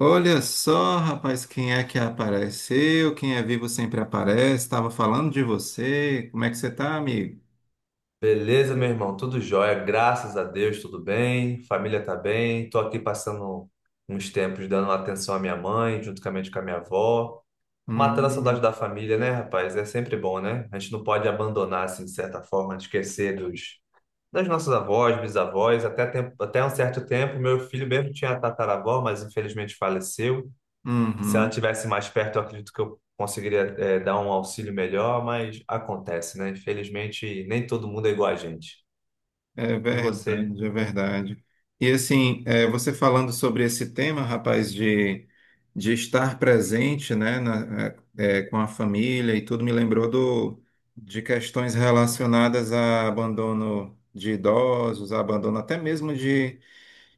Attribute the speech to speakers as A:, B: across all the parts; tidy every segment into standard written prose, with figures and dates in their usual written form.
A: Olha só, rapaz, quem é que apareceu? Quem é vivo sempre aparece. Estava falando de você. Como é que você tá, amigo?
B: Beleza, meu irmão? Tudo jóia, graças a Deus, tudo bem. Família tá bem. Tô aqui passando uns tempos dando atenção à minha mãe, juntamente com a minha avó. Matando a saudade
A: Hum.
B: da família, né, rapaz? É sempre bom, né? A gente não pode abandonar, assim, de certa forma, de esquecer dos, das nossas avós, bisavós. Até, tempo, até um certo tempo, meu filho mesmo tinha a tataravó, mas infelizmente faleceu. Se ela
A: Uhum.
B: tivesse mais perto, eu acredito que eu conseguiria, dar um auxílio melhor, mas acontece, né? Infelizmente, nem todo mundo é igual a gente.
A: É
B: E você?
A: verdade, é verdade. E assim, você falando sobre esse tema, rapaz, de, estar presente, né, com a família e tudo, me lembrou de questões relacionadas a abandono de idosos, abandono até mesmo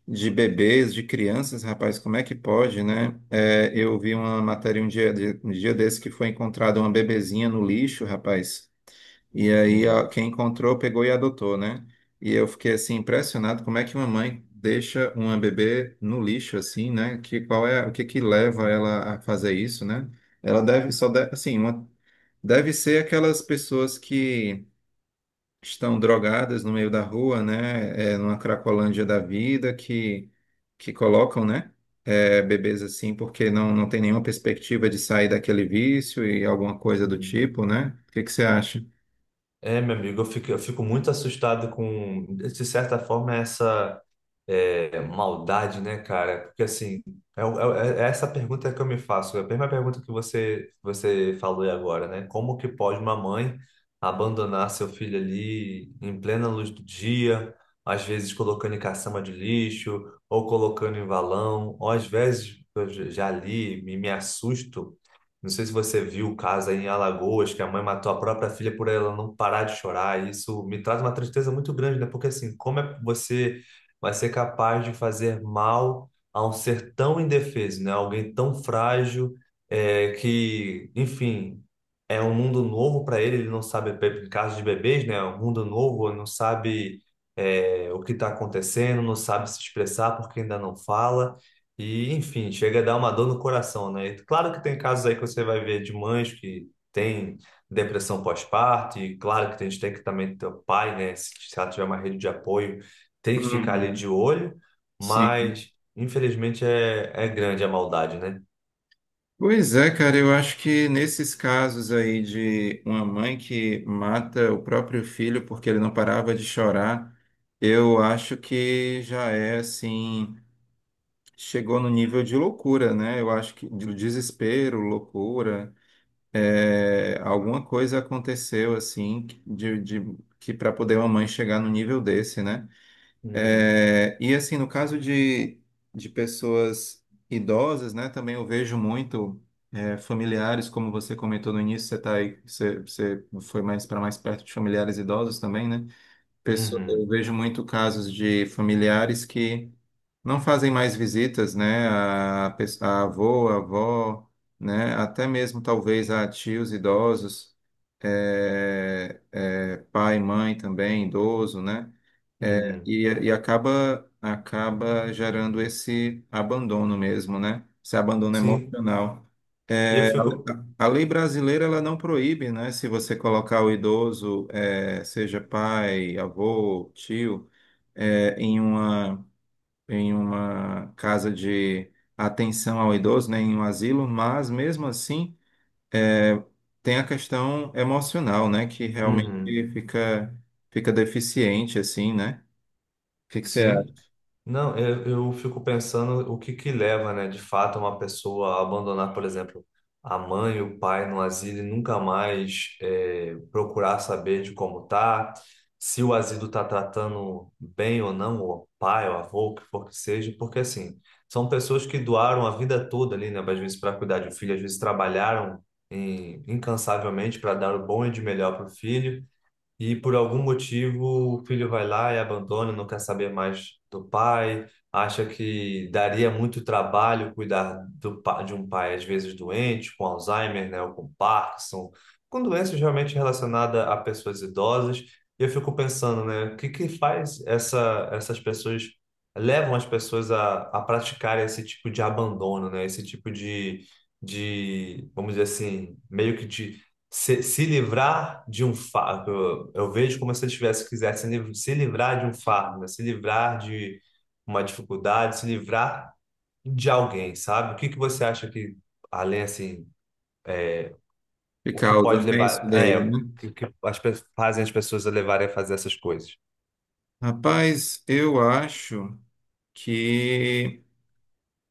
A: de bebês, de crianças, rapaz, como é que pode, né? É, eu vi uma matéria um dia, um dia desse que foi encontrada uma bebezinha no lixo, rapaz, e aí ó,
B: Sim.
A: quem encontrou pegou e adotou, né? E eu fiquei assim impressionado como é que uma mãe deixa uma bebê no lixo assim, né? Que qual é o que que leva ela a fazer isso, né? Ela deve só deve, assim, uma, deve ser aquelas pessoas que estão drogadas no meio da rua, né? É, numa cracolândia da vida que colocam, né? É, bebês assim, porque não, não tem nenhuma perspectiva de sair daquele vício e alguma coisa do
B: Uhum.
A: tipo, né? O que que você acha?
B: É, meu amigo, eu fico muito assustado com, de certa forma, essa maldade, né, cara? Porque, assim, é essa pergunta que eu me faço, é a mesma pergunta que você falou aí agora, né? Como que pode uma mãe abandonar seu filho ali em plena luz do dia, às vezes colocando em caçamba de lixo, ou colocando em valão, ou às vezes, eu já li, me assusto. Não sei se você viu o caso aí em Alagoas, que a mãe matou a própria filha por ela não parar de chorar. E isso me traz uma tristeza muito grande, né? Porque assim, como é que você vai ser capaz de fazer mal a um ser tão indefeso, né? Alguém tão frágil, é, que, enfim, é um mundo novo para ele. Ele não sabe, em caso de bebês, né? É um mundo novo, não sabe, é, o que está acontecendo, não sabe se expressar porque ainda não fala. E, enfim, chega a dar uma dor no coração, né? Claro que tem casos aí que você vai ver de mães que têm depressão pós-parto, e claro que a gente tem que também ter o pai, né? Se ela tiver uma rede de apoio, tem que ficar ali
A: Uhum.
B: de olho,
A: Sim.
B: mas infelizmente é, é grande a maldade, né?
A: Pois é, cara, eu acho que nesses casos aí de uma mãe que mata o próprio filho porque ele não parava de chorar, eu acho que já é assim, chegou no nível de loucura, né? Eu acho que de desespero, loucura, é, alguma coisa aconteceu assim que para poder uma mãe chegar no nível desse, né?
B: Uhum,
A: É, e assim, no caso de, pessoas idosas, né? Também eu vejo muito familiares, como você comentou no início, você tá aí, você, você foi mais para mais perto de familiares idosos também, né?
B: uhum,
A: Eu vejo muito casos de familiares que não fazem mais visitas, né, a avô, a avó, né, até mesmo talvez a tios idosos, pai, mãe também, idoso, né, é,
B: uhum.
A: e acaba gerando esse abandono mesmo, né? Esse abandono
B: Sim,
A: emocional.
B: e eu
A: É,
B: fico.
A: a, lei brasileira ela não proíbe, né? Se você colocar o idoso, é, seja pai, avô, tio, é, em uma casa de atenção ao idoso, né? Em um asilo, mas mesmo assim é, tem a questão emocional, né? Que realmente
B: Uhum,
A: fica deficiente, assim, né? O que que você acha
B: sim. Não, eu fico pensando o que que leva, né, de fato, uma pessoa a abandonar, por exemplo, a mãe e o pai no asilo e nunca mais procurar saber de como tá, se o asilo está tratando bem ou não, o pai, o avô, o que for que seja, porque assim, são pessoas que doaram a vida toda ali, né, às vezes para cuidar de um filho, às vezes trabalharam incansavelmente para dar o bom e de melhor para o filho. E por algum motivo o filho vai lá e abandona, não quer saber mais do pai, acha que daria muito trabalho cuidar de um pai às vezes doente, com Alzheimer, né, ou com Parkinson, com doenças realmente relacionadas a pessoas idosas. E eu fico pensando, né, o que que faz essas pessoas, levam as pessoas a praticar esse tipo de abandono, né, esse tipo de, vamos dizer assim, meio que de se livrar de um fardo. Eu vejo como se ele tivesse quisesse se livrar de um fardo, né? Se livrar de uma dificuldade, se livrar de alguém, sabe? O que que você acha que, além assim,
A: que
B: o que
A: causa,
B: pode
A: né, isso
B: levar, é,
A: daí,
B: o
A: né?
B: que, que fazem as pessoas a levarem a fazer essas coisas?
A: Rapaz, eu acho que,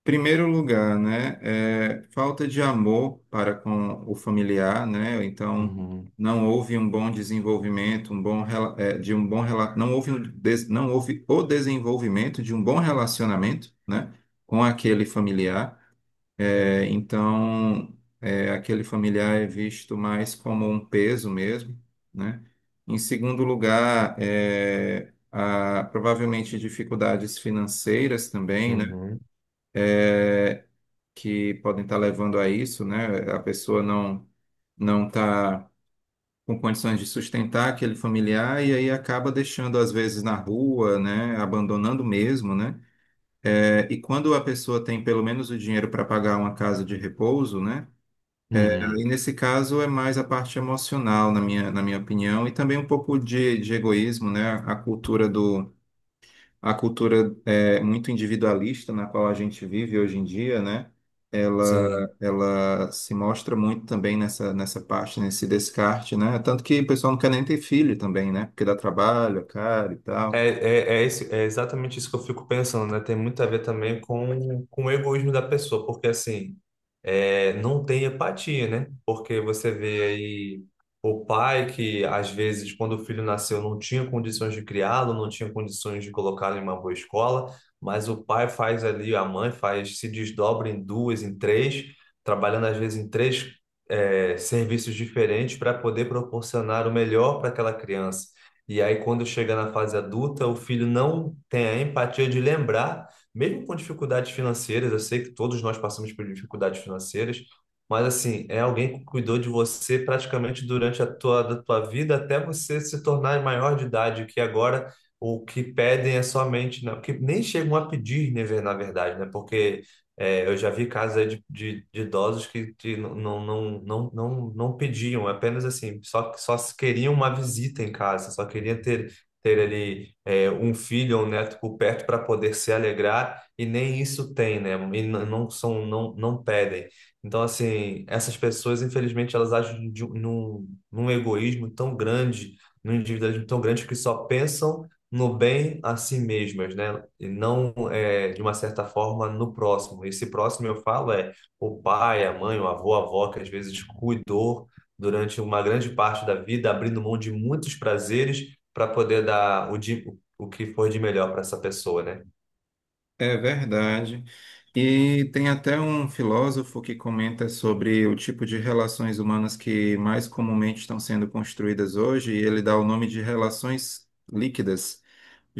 A: primeiro lugar, né, é falta de amor para com o familiar, né? Então,
B: Uhum,
A: não houve um bom desenvolvimento, um bom rela- é, de um bom rela- não houve o desenvolvimento de um bom relacionamento, né, com aquele familiar. É, então, aquele familiar é visto mais como um peso mesmo, né? Em segundo lugar, é, provavelmente dificuldades financeiras também, né?
B: uhum,
A: Que podem estar levando a isso, né? A pessoa não não está com condições de sustentar aquele familiar e aí acaba deixando às vezes na rua, né? Abandonando mesmo, né? É, e quando a pessoa tem pelo menos o dinheiro para pagar uma casa de repouso, né? E
B: uhum.
A: nesse caso é mais a parte emocional, na minha opinião, e também um pouco de egoísmo, né? A cultura a cultura é, muito individualista na qual a gente vive hoje em dia, né? Ela,
B: Sim.
A: se mostra muito também nessa, parte, nesse descarte, né? Tanto que o pessoal não quer nem ter filho também, né? Porque dá trabalho, é caro e tal.
B: É exatamente isso que eu fico pensando, né? Tem muito a ver também com o egoísmo da pessoa, porque assim, é, não tem empatia, né? Porque você vê aí o pai que, às vezes, quando o filho nasceu, não tinha condições de criá-lo, não tinha condições de colocá-lo em uma boa escola, mas o pai faz ali, a mãe faz, se desdobra em duas, em três, trabalhando às vezes em três, é, serviços diferentes para poder proporcionar o melhor para aquela criança. E aí, quando chega na fase adulta, o filho não tem a empatia de lembrar mesmo com dificuldades financeiras, eu sei que todos nós passamos por dificuldades financeiras, mas assim, é alguém que cuidou de você praticamente durante a da tua vida até você se tornar maior de idade, que agora o que pedem é somente, né? Porque nem chegam a pedir, né, na verdade, né? Porque é, eu já vi casos aí de idosos que não pediam, é apenas assim, só se queriam uma visita em casa, só queriam ter, ter ali é, um filho ou um neto por perto para poder se alegrar e nem isso tem, né? Não são, não pedem. Então, assim, essas pessoas, infelizmente, elas agem de, num egoísmo tão grande, num individualismo tão grande que só pensam no bem a si mesmas, né? E não, é, de uma certa forma, no próximo. Esse próximo, eu falo, é o pai, a mãe, o avô, a avó, que às vezes cuidou durante uma grande parte da vida, abrindo mão de muitos prazeres para poder dar o que foi de melhor para essa pessoa, né?
A: É verdade. E tem até um filósofo que comenta sobre o tipo de relações humanas que mais comumente estão sendo construídas hoje, e ele dá o nome de relações líquidas,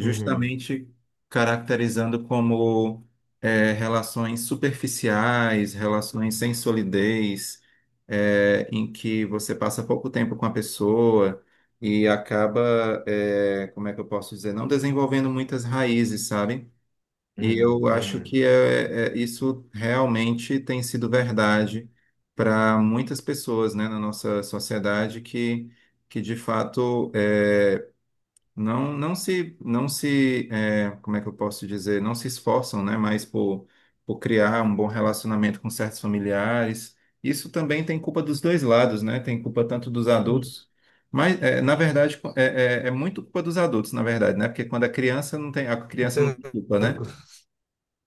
B: Uhum,
A: caracterizando como é, relações superficiais, relações sem solidez, é, em que você passa pouco tempo com a pessoa e acaba, é, como é que eu posso dizer, não desenvolvendo muitas raízes, sabe? E eu acho
B: uhum,
A: que isso realmente tem sido verdade para muitas pessoas, né, na nossa sociedade que de fato é, não, não se, não se é, como é que eu posso dizer, não se esforçam, né, mais por criar um bom relacionamento com certos familiares. Isso também tem culpa dos dois lados, né? Tem culpa tanto dos
B: uhum.
A: adultos, mas é, na verdade é, é muito culpa dos adultos, na verdade, né? Porque quando a criança não tem, a criança não tem culpa, né?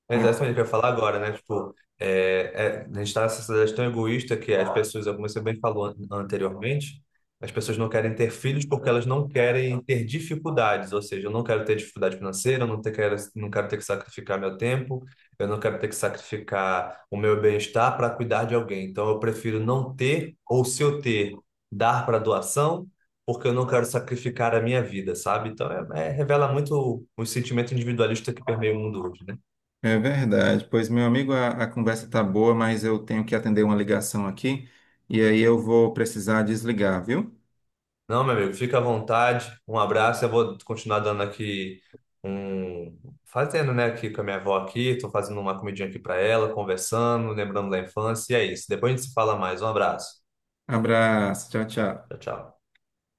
B: Exatamente o que eu ia falar agora, né? Tipo, é, é, a gente está nessa sociedade tão egoísta que as pessoas, como você bem falou anteriormente, as pessoas não querem ter filhos porque elas não querem ter dificuldades. Ou seja, eu não quero ter dificuldade financeira, eu não quero ter que sacrificar meu tempo, eu não quero ter que sacrificar o meu bem-estar para cuidar de alguém. Então, eu prefiro não ter, ou se eu ter, dar para doação, porque eu não quero sacrificar a minha vida, sabe? Então, revela muito o sentimento individualista que permeia o mundo hoje, né?
A: É verdade. Pois, meu amigo, a, conversa tá boa, mas eu tenho que atender uma ligação aqui e aí eu vou precisar desligar, viu?
B: Não, meu amigo, fica à vontade. Um abraço. Eu vou continuar dando aqui um. Fazendo, né, aqui com a minha avó aqui. Tô fazendo uma comidinha aqui para ela, conversando, lembrando da infância. E é isso. Depois a gente se fala mais. Um abraço.
A: Abraço, tchau, tchau.
B: Tchau, tchau.